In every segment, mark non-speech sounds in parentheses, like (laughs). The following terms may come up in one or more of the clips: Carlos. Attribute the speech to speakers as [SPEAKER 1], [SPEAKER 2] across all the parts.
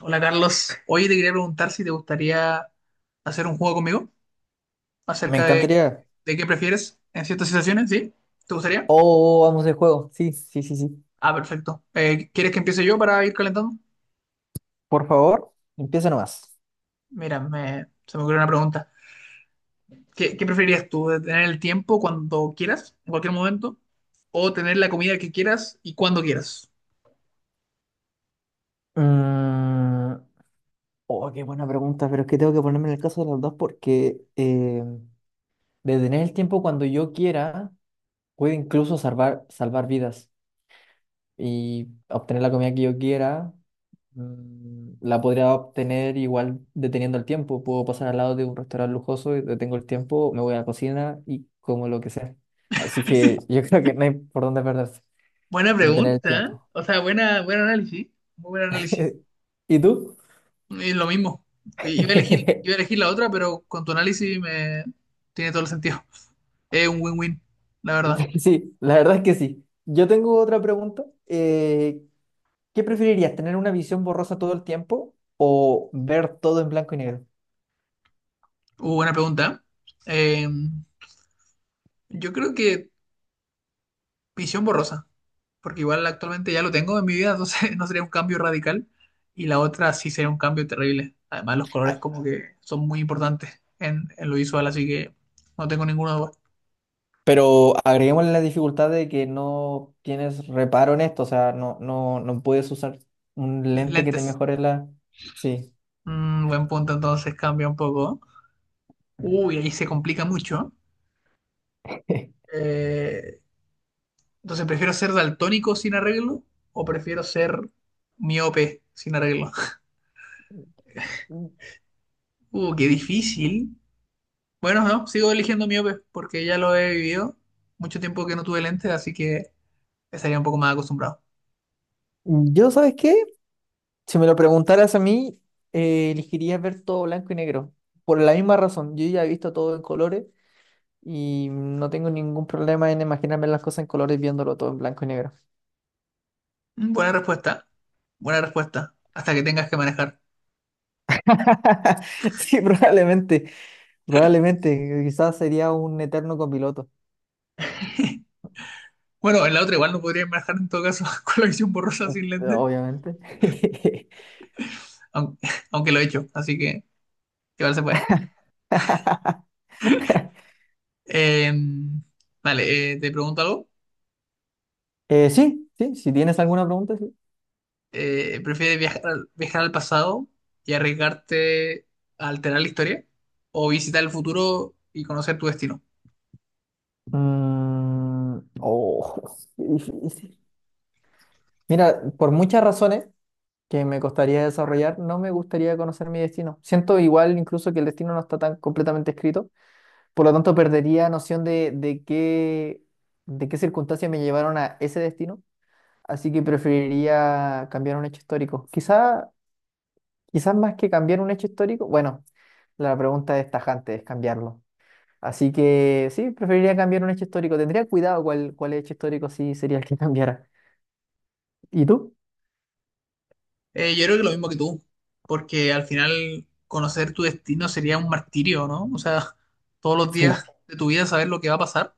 [SPEAKER 1] Hola Carlos, hoy te quería preguntar si te gustaría hacer un juego conmigo
[SPEAKER 2] Me
[SPEAKER 1] acerca
[SPEAKER 2] encantaría.
[SPEAKER 1] de qué prefieres en ciertas situaciones, ¿sí? ¿Te gustaría?
[SPEAKER 2] Oh, vamos de juego. Sí, sí, sí, sí.
[SPEAKER 1] Ah, perfecto. ¿Quieres que empiece yo para ir calentando?
[SPEAKER 2] Por favor, empieza nomás.
[SPEAKER 1] Mira, se me ocurrió una pregunta. ¿Qué preferirías tú? ¿Tener el tiempo cuando quieras, en cualquier momento? ¿O tener la comida que quieras y cuando quieras?
[SPEAKER 2] Mm, oh, qué buena pregunta, pero es que tengo que ponerme en el caso de las dos porque detener el tiempo cuando yo quiera puede incluso salvar, salvar vidas y obtener la comida que yo quiera. mm, la podría obtener igual deteniendo el tiempo. Puedo pasar al lado de un restaurante lujoso y detengo el tiempo, me voy a la cocina y como lo que sea. Así que yo (laughs) creo que no hay por dónde perderse.
[SPEAKER 1] Buena
[SPEAKER 2] De tener el
[SPEAKER 1] pregunta, ¿eh?
[SPEAKER 2] tiempo.
[SPEAKER 1] O sea, buen análisis, muy buen análisis.
[SPEAKER 2] (laughs) ¿Y tú?
[SPEAKER 1] Es lo mismo. Iba a
[SPEAKER 2] (laughs)
[SPEAKER 1] elegir la otra, pero con tu análisis me tiene todo el sentido. Es un win-win, la verdad.
[SPEAKER 2] Sí, la verdad es que sí. Yo tengo otra pregunta. ¿Qué preferirías, tener una visión borrosa todo el tiempo o ver todo en blanco y negro?
[SPEAKER 1] Buena pregunta. Eh, yo creo que visión borrosa, porque igual actualmente ya lo tengo en mi vida, entonces (laughs) no sería un cambio radical. Y la otra sí sería un cambio terrible. Además, los colores
[SPEAKER 2] Ah,
[SPEAKER 1] como que son muy importantes en lo visual, así que no tengo ninguna duda.
[SPEAKER 2] pero agreguemos la dificultad de que no tienes reparo en esto, o sea, no, no, no puedes usar un lente que te
[SPEAKER 1] Lentes.
[SPEAKER 2] mejore la... Sí.
[SPEAKER 1] Mm, buen punto, entonces cambia un poco. Uy, ahí se complica mucho.
[SPEAKER 2] (laughs)
[SPEAKER 1] Eh, entonces, ¿prefiero ser daltónico sin arreglo o prefiero ser miope sin arreglo? Qué difícil. Bueno, no, sigo eligiendo miope porque ya lo he vivido. Mucho tiempo que no tuve lentes, así que estaría un poco más acostumbrado.
[SPEAKER 2] Yo, ¿sabes qué? Si me lo preguntaras a mí, elegiría ver todo blanco y negro. Por la misma razón, yo ya he visto todo en colores y no tengo ningún problema en imaginarme las cosas en colores viéndolo todo en blanco y negro.
[SPEAKER 1] Mm, buena respuesta. Buena respuesta. Hasta que tengas que manejar.
[SPEAKER 2] (laughs) Sí, probablemente, probablemente, quizás sería un eterno copiloto,
[SPEAKER 1] Bueno, en la otra igual no podría manejar en todo caso (laughs) con la visión borrosa sin lentes,
[SPEAKER 2] obviamente.
[SPEAKER 1] aunque, (laughs) aunque lo he hecho, así que igual se puede.
[SPEAKER 2] (laughs)
[SPEAKER 1] Eh, vale, te pregunto algo.
[SPEAKER 2] Sí, sí, si tienes alguna pregunta, sí.
[SPEAKER 1] ¿Prefieres viajar, viajar al pasado y arriesgarte a alterar la historia o visitar el futuro y conocer tu destino?
[SPEAKER 2] Oh, (laughs) qué difícil. Mira, por muchas razones, que me costaría desarrollar, no me gustaría conocer mi destino. Siento igual incluso que el destino no está tan completamente escrito, por lo tanto perdería noción de qué circunstancias me llevaron a ese destino, así que preferiría cambiar un hecho histórico. Quizás más que cambiar un hecho histórico, bueno, la pregunta es tajante, es cambiarlo. Así que sí, preferiría cambiar un hecho histórico. Tendría cuidado cuál hecho histórico sí sería el que (laughs) cambiara. ¿Y tú?
[SPEAKER 1] Yo creo que lo mismo que tú, porque al final conocer tu destino sería un martirio, ¿no? O sea, todos los días
[SPEAKER 2] Sí,
[SPEAKER 1] de tu vida saber lo que va a pasar.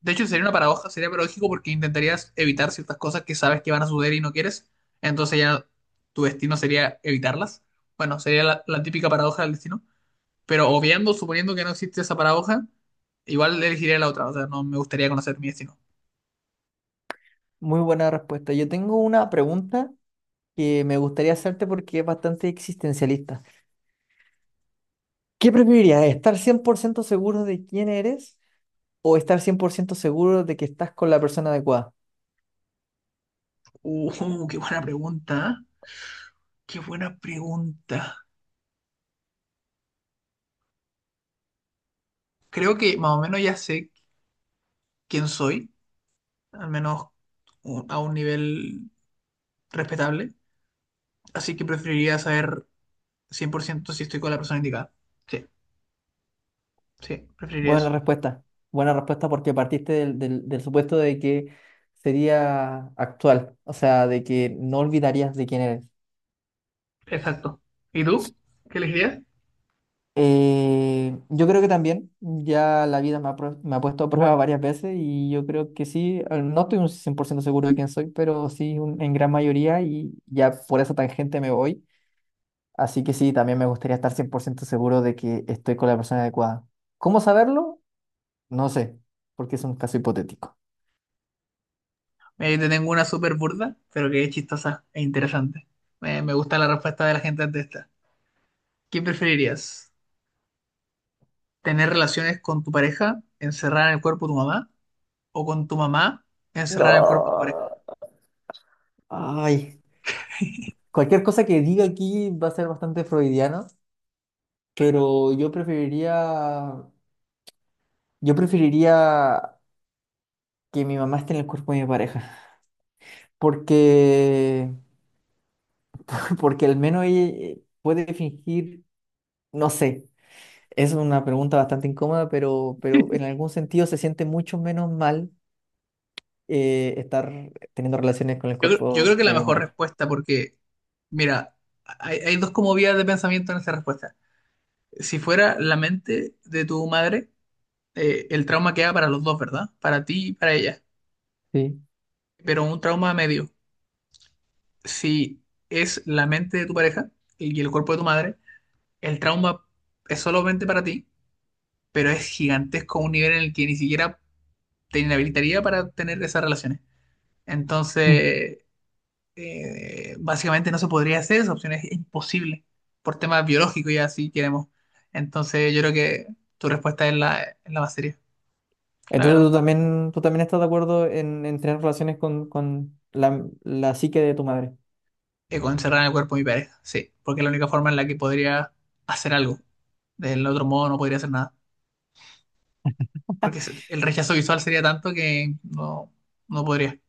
[SPEAKER 1] De hecho, sería una paradoja, sería paradójico porque intentarías evitar ciertas cosas que sabes que van a suceder y no quieres. Entonces ya tu destino sería evitarlas. Bueno, sería la típica paradoja del destino. Pero obviando, suponiendo que no existe esa paradoja, igual elegiría la otra. O sea, no me gustaría conocer mi destino.
[SPEAKER 2] muy buena respuesta. Yo tengo una pregunta que me gustaría hacerte porque es bastante existencialista. ¿Qué preferirías? ¿Estar 100% seguro de quién eres o estar 100% seguro de que estás con la persona adecuada?
[SPEAKER 1] Qué buena pregunta, ¿eh? Qué buena pregunta. Creo que más o menos ya sé quién soy, al menos a un nivel respetable. Así que preferiría saber 100% si estoy con la persona indicada. Sí, sí, preferiría
[SPEAKER 2] Buena
[SPEAKER 1] eso.
[SPEAKER 2] respuesta. Buena respuesta porque partiste del supuesto de que sería actual, o sea, de que no olvidarías de quién eres.
[SPEAKER 1] Exacto. ¿Y tú? ¿Qué elegirías?
[SPEAKER 2] Yo creo que también, ya la vida me ha puesto a prueba varias veces y yo creo que sí, al- no estoy un 100% seguro de quién soy, pero sí un- en gran mayoría y ya por esa tangente me voy. Así que sí, también me gustaría estar 100% seguro de que estoy con la persona adecuada. ¿Cómo saberlo? No sé, porque es un caso hipotético.
[SPEAKER 1] Mira, yo te tengo una súper burda, pero que es chistosa e interesante. Me gusta la respuesta de la gente ante esta. ¿Qué preferirías? ¿Tener relaciones con tu pareja encerrada en el cuerpo de tu mamá o con tu mamá encerrada en el cuerpo de tu pareja?
[SPEAKER 2] No. Ay, cualquier cosa que diga aquí va a ser bastante freudiano, pero yo preferiría que mi mamá esté en el cuerpo de mi pareja, porque, (laughs) porque al menos ella puede fingir, no sé, es una pregunta bastante incómoda, pero,
[SPEAKER 1] (laughs)
[SPEAKER 2] pero en algún sentido se siente mucho menos mal estar teniendo relaciones con el
[SPEAKER 1] Yo
[SPEAKER 2] cuerpo
[SPEAKER 1] creo que la
[SPEAKER 2] de mi
[SPEAKER 1] mejor
[SPEAKER 2] pareja.
[SPEAKER 1] respuesta, porque, mira, hay dos como vías de pensamiento en esa respuesta. Si fuera la mente de tu madre, el trauma queda para los dos, ¿verdad? Para ti y para ella.
[SPEAKER 2] Sí.
[SPEAKER 1] Pero un trauma a medio. Si es la mente de tu pareja y el cuerpo de tu madre, el trauma es solamente para ti, pero es gigantesco a un nivel en el que ni siquiera te inhabilitaría para tener esas relaciones.
[SPEAKER 2] Mm.
[SPEAKER 1] Entonces, básicamente no se podría hacer, esa opción es imposible por temas biológicos y así queremos. Entonces yo creo que tu respuesta es es la más seria, la
[SPEAKER 2] Entonces
[SPEAKER 1] verdad.
[SPEAKER 2] tú también estás de acuerdo en tener relaciones con la, la psique de tu madre.
[SPEAKER 1] Con encerrar en el cuerpo de mi pareja, sí, porque es la única forma en la que podría hacer algo. Del otro modo no podría hacer nada, porque el rechazo visual sería tanto que no, no podría.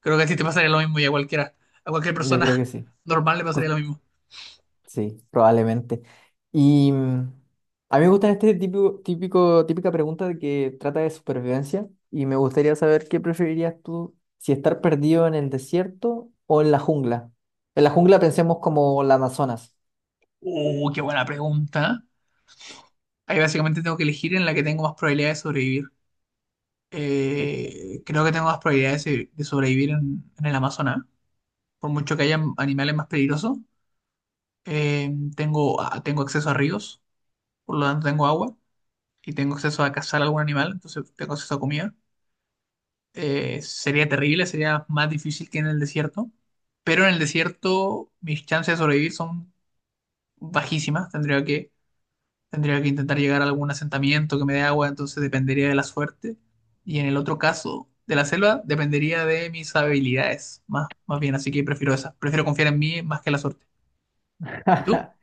[SPEAKER 1] Creo que a ti te pasaría lo mismo y a cualquiera, a cualquier
[SPEAKER 2] Yo creo que
[SPEAKER 1] persona
[SPEAKER 2] sí.
[SPEAKER 1] (laughs) normal le pasaría lo
[SPEAKER 2] Cu-
[SPEAKER 1] mismo.
[SPEAKER 2] Sí, probablemente. Y a mí me gusta este típica pregunta de que trata de supervivencia y me gustaría saber qué preferirías tú, si estar perdido en el desierto o en la jungla. En la jungla pensemos como la Amazonas.
[SPEAKER 1] Qué buena pregunta. Ahí básicamente tengo que elegir en la que tengo más probabilidad de sobrevivir.
[SPEAKER 2] Sí.
[SPEAKER 1] Creo que tengo más probabilidades de sobrevivir en el Amazonas. Por mucho que haya animales más peligrosos, tengo, tengo acceso a ríos, por lo tanto tengo agua y tengo acceso a cazar algún animal, entonces tengo acceso a comida. Sería terrible, sería más difícil que en el desierto, pero en el desierto mis chances de sobrevivir son bajísimas, Tendría que intentar llegar a algún asentamiento que me dé agua, entonces dependería de la suerte. Y en el otro caso, de la selva, dependería de mis habilidades, más bien, así que prefiero esa. Prefiero confiar en mí más que en la suerte. ¿Y tú?
[SPEAKER 2] (laughs)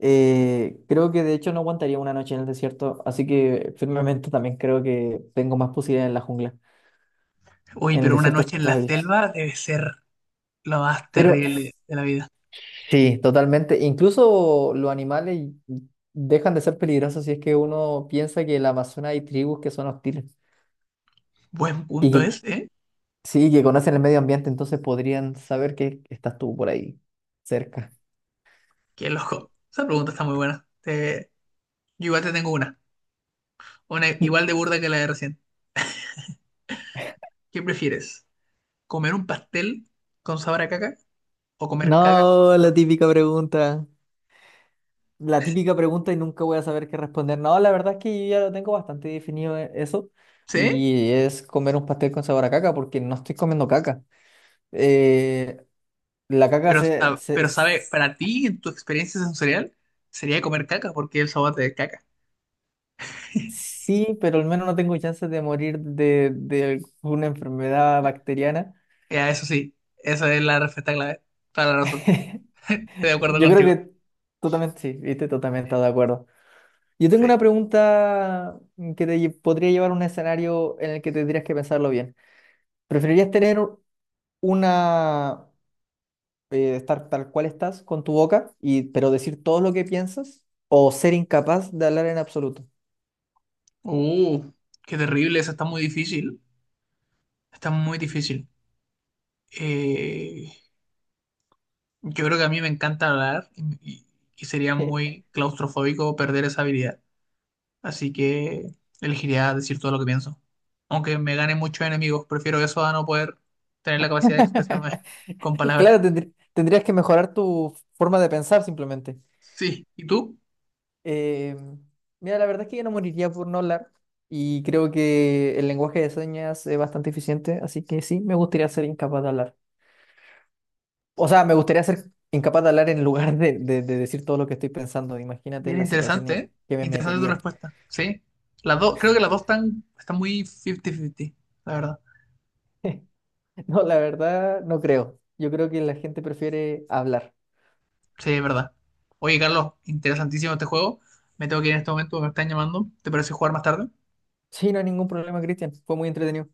[SPEAKER 2] Creo que de hecho no aguantaría una noche en el desierto, así que firmemente también creo que tengo más posibilidades en la jungla.
[SPEAKER 1] Uy,
[SPEAKER 2] En el
[SPEAKER 1] pero una
[SPEAKER 2] desierto
[SPEAKER 1] noche en la
[SPEAKER 2] está difícil.
[SPEAKER 1] selva debe ser lo más
[SPEAKER 2] Pero
[SPEAKER 1] terrible de la vida.
[SPEAKER 2] sí, totalmente. Incluso los animales dejan de ser peligrosos si es que uno piensa que en la Amazonas hay tribus que son hostiles
[SPEAKER 1] Buen
[SPEAKER 2] y
[SPEAKER 1] punto
[SPEAKER 2] que
[SPEAKER 1] es, ¿eh?
[SPEAKER 2] sí, que conocen el medio ambiente, entonces podrían saber que estás tú por ahí cerca.
[SPEAKER 1] Qué loco. Esa pregunta está muy buena. Yo igual te tengo una. Una igual de
[SPEAKER 2] (laughs)
[SPEAKER 1] burda que la de recién. ¿Qué prefieres? ¿Comer un pastel con sabor a caca o comer caca con
[SPEAKER 2] No,
[SPEAKER 1] sabor
[SPEAKER 2] la
[SPEAKER 1] a...
[SPEAKER 2] típica pregunta. La típica pregunta y nunca voy a saber qué responder. No, la verdad es que yo ya lo tengo bastante definido eso.
[SPEAKER 1] ¿Sí?
[SPEAKER 2] Y es comer un pastel con sabor a caca, porque no estoy comiendo caca. Eh, la caca
[SPEAKER 1] Pero, pero sabe, para ti, en tu experiencia sensorial, sería comer caca, porque el sabor te caca. (laughs)
[SPEAKER 2] sí, pero al menos no tengo chances de morir de una enfermedad bacteriana.
[SPEAKER 1] Ya, eso sí, esa es la respuesta clave. Toda la razón. (laughs) Estoy de acuerdo
[SPEAKER 2] Yo creo
[SPEAKER 1] contigo.
[SPEAKER 2] que totalmente sí, viste, totalmente de acuerdo. Yo tengo
[SPEAKER 1] Sí.
[SPEAKER 2] una pregunta que podría llevar a un escenario en el que tendrías que pensarlo bien. ¿Preferirías tener una estar tal cual estás con tu boca, y, pero decir todo lo que piensas o ser incapaz de hablar en absoluto?
[SPEAKER 1] Uh, qué terrible, eso está muy difícil. Está muy difícil. Eh, yo creo que a mí me encanta hablar y sería muy claustrofóbico perder esa habilidad. Así que elegiría decir todo lo que pienso. Aunque me gane muchos enemigos, prefiero eso a no poder tener la capacidad de expresarme
[SPEAKER 2] (laughs)
[SPEAKER 1] (laughs) con palabras.
[SPEAKER 2] Claro, tendrías que mejorar tu forma de pensar simplemente.
[SPEAKER 1] Sí, ¿y tú?
[SPEAKER 2] Eh, mira, la verdad es que yo no moriría por no hablar y creo que el lenguaje de señas es bastante eficiente, así que sí, me gustaría ser incapaz de hablar. O sea, me gustaría ser incapaz de hablar en lugar de decir todo lo que estoy pensando. Imagínate
[SPEAKER 1] Bien
[SPEAKER 2] las
[SPEAKER 1] interesante,
[SPEAKER 2] situaciones
[SPEAKER 1] ¿eh?
[SPEAKER 2] que me
[SPEAKER 1] Interesante tu
[SPEAKER 2] metería.
[SPEAKER 1] respuesta. Sí, las dos, creo que las dos están muy 50-50, la verdad.
[SPEAKER 2] (laughs) No, la verdad, no creo. Yo creo que la gente prefiere hablar.
[SPEAKER 1] Sí, es verdad. Oye, Carlos, interesantísimo este juego. Me tengo que ir en este momento, me están llamando. ¿Te parece jugar más tarde?
[SPEAKER 2] Sí, no hay ningún problema, Cristian. Fue muy entretenido.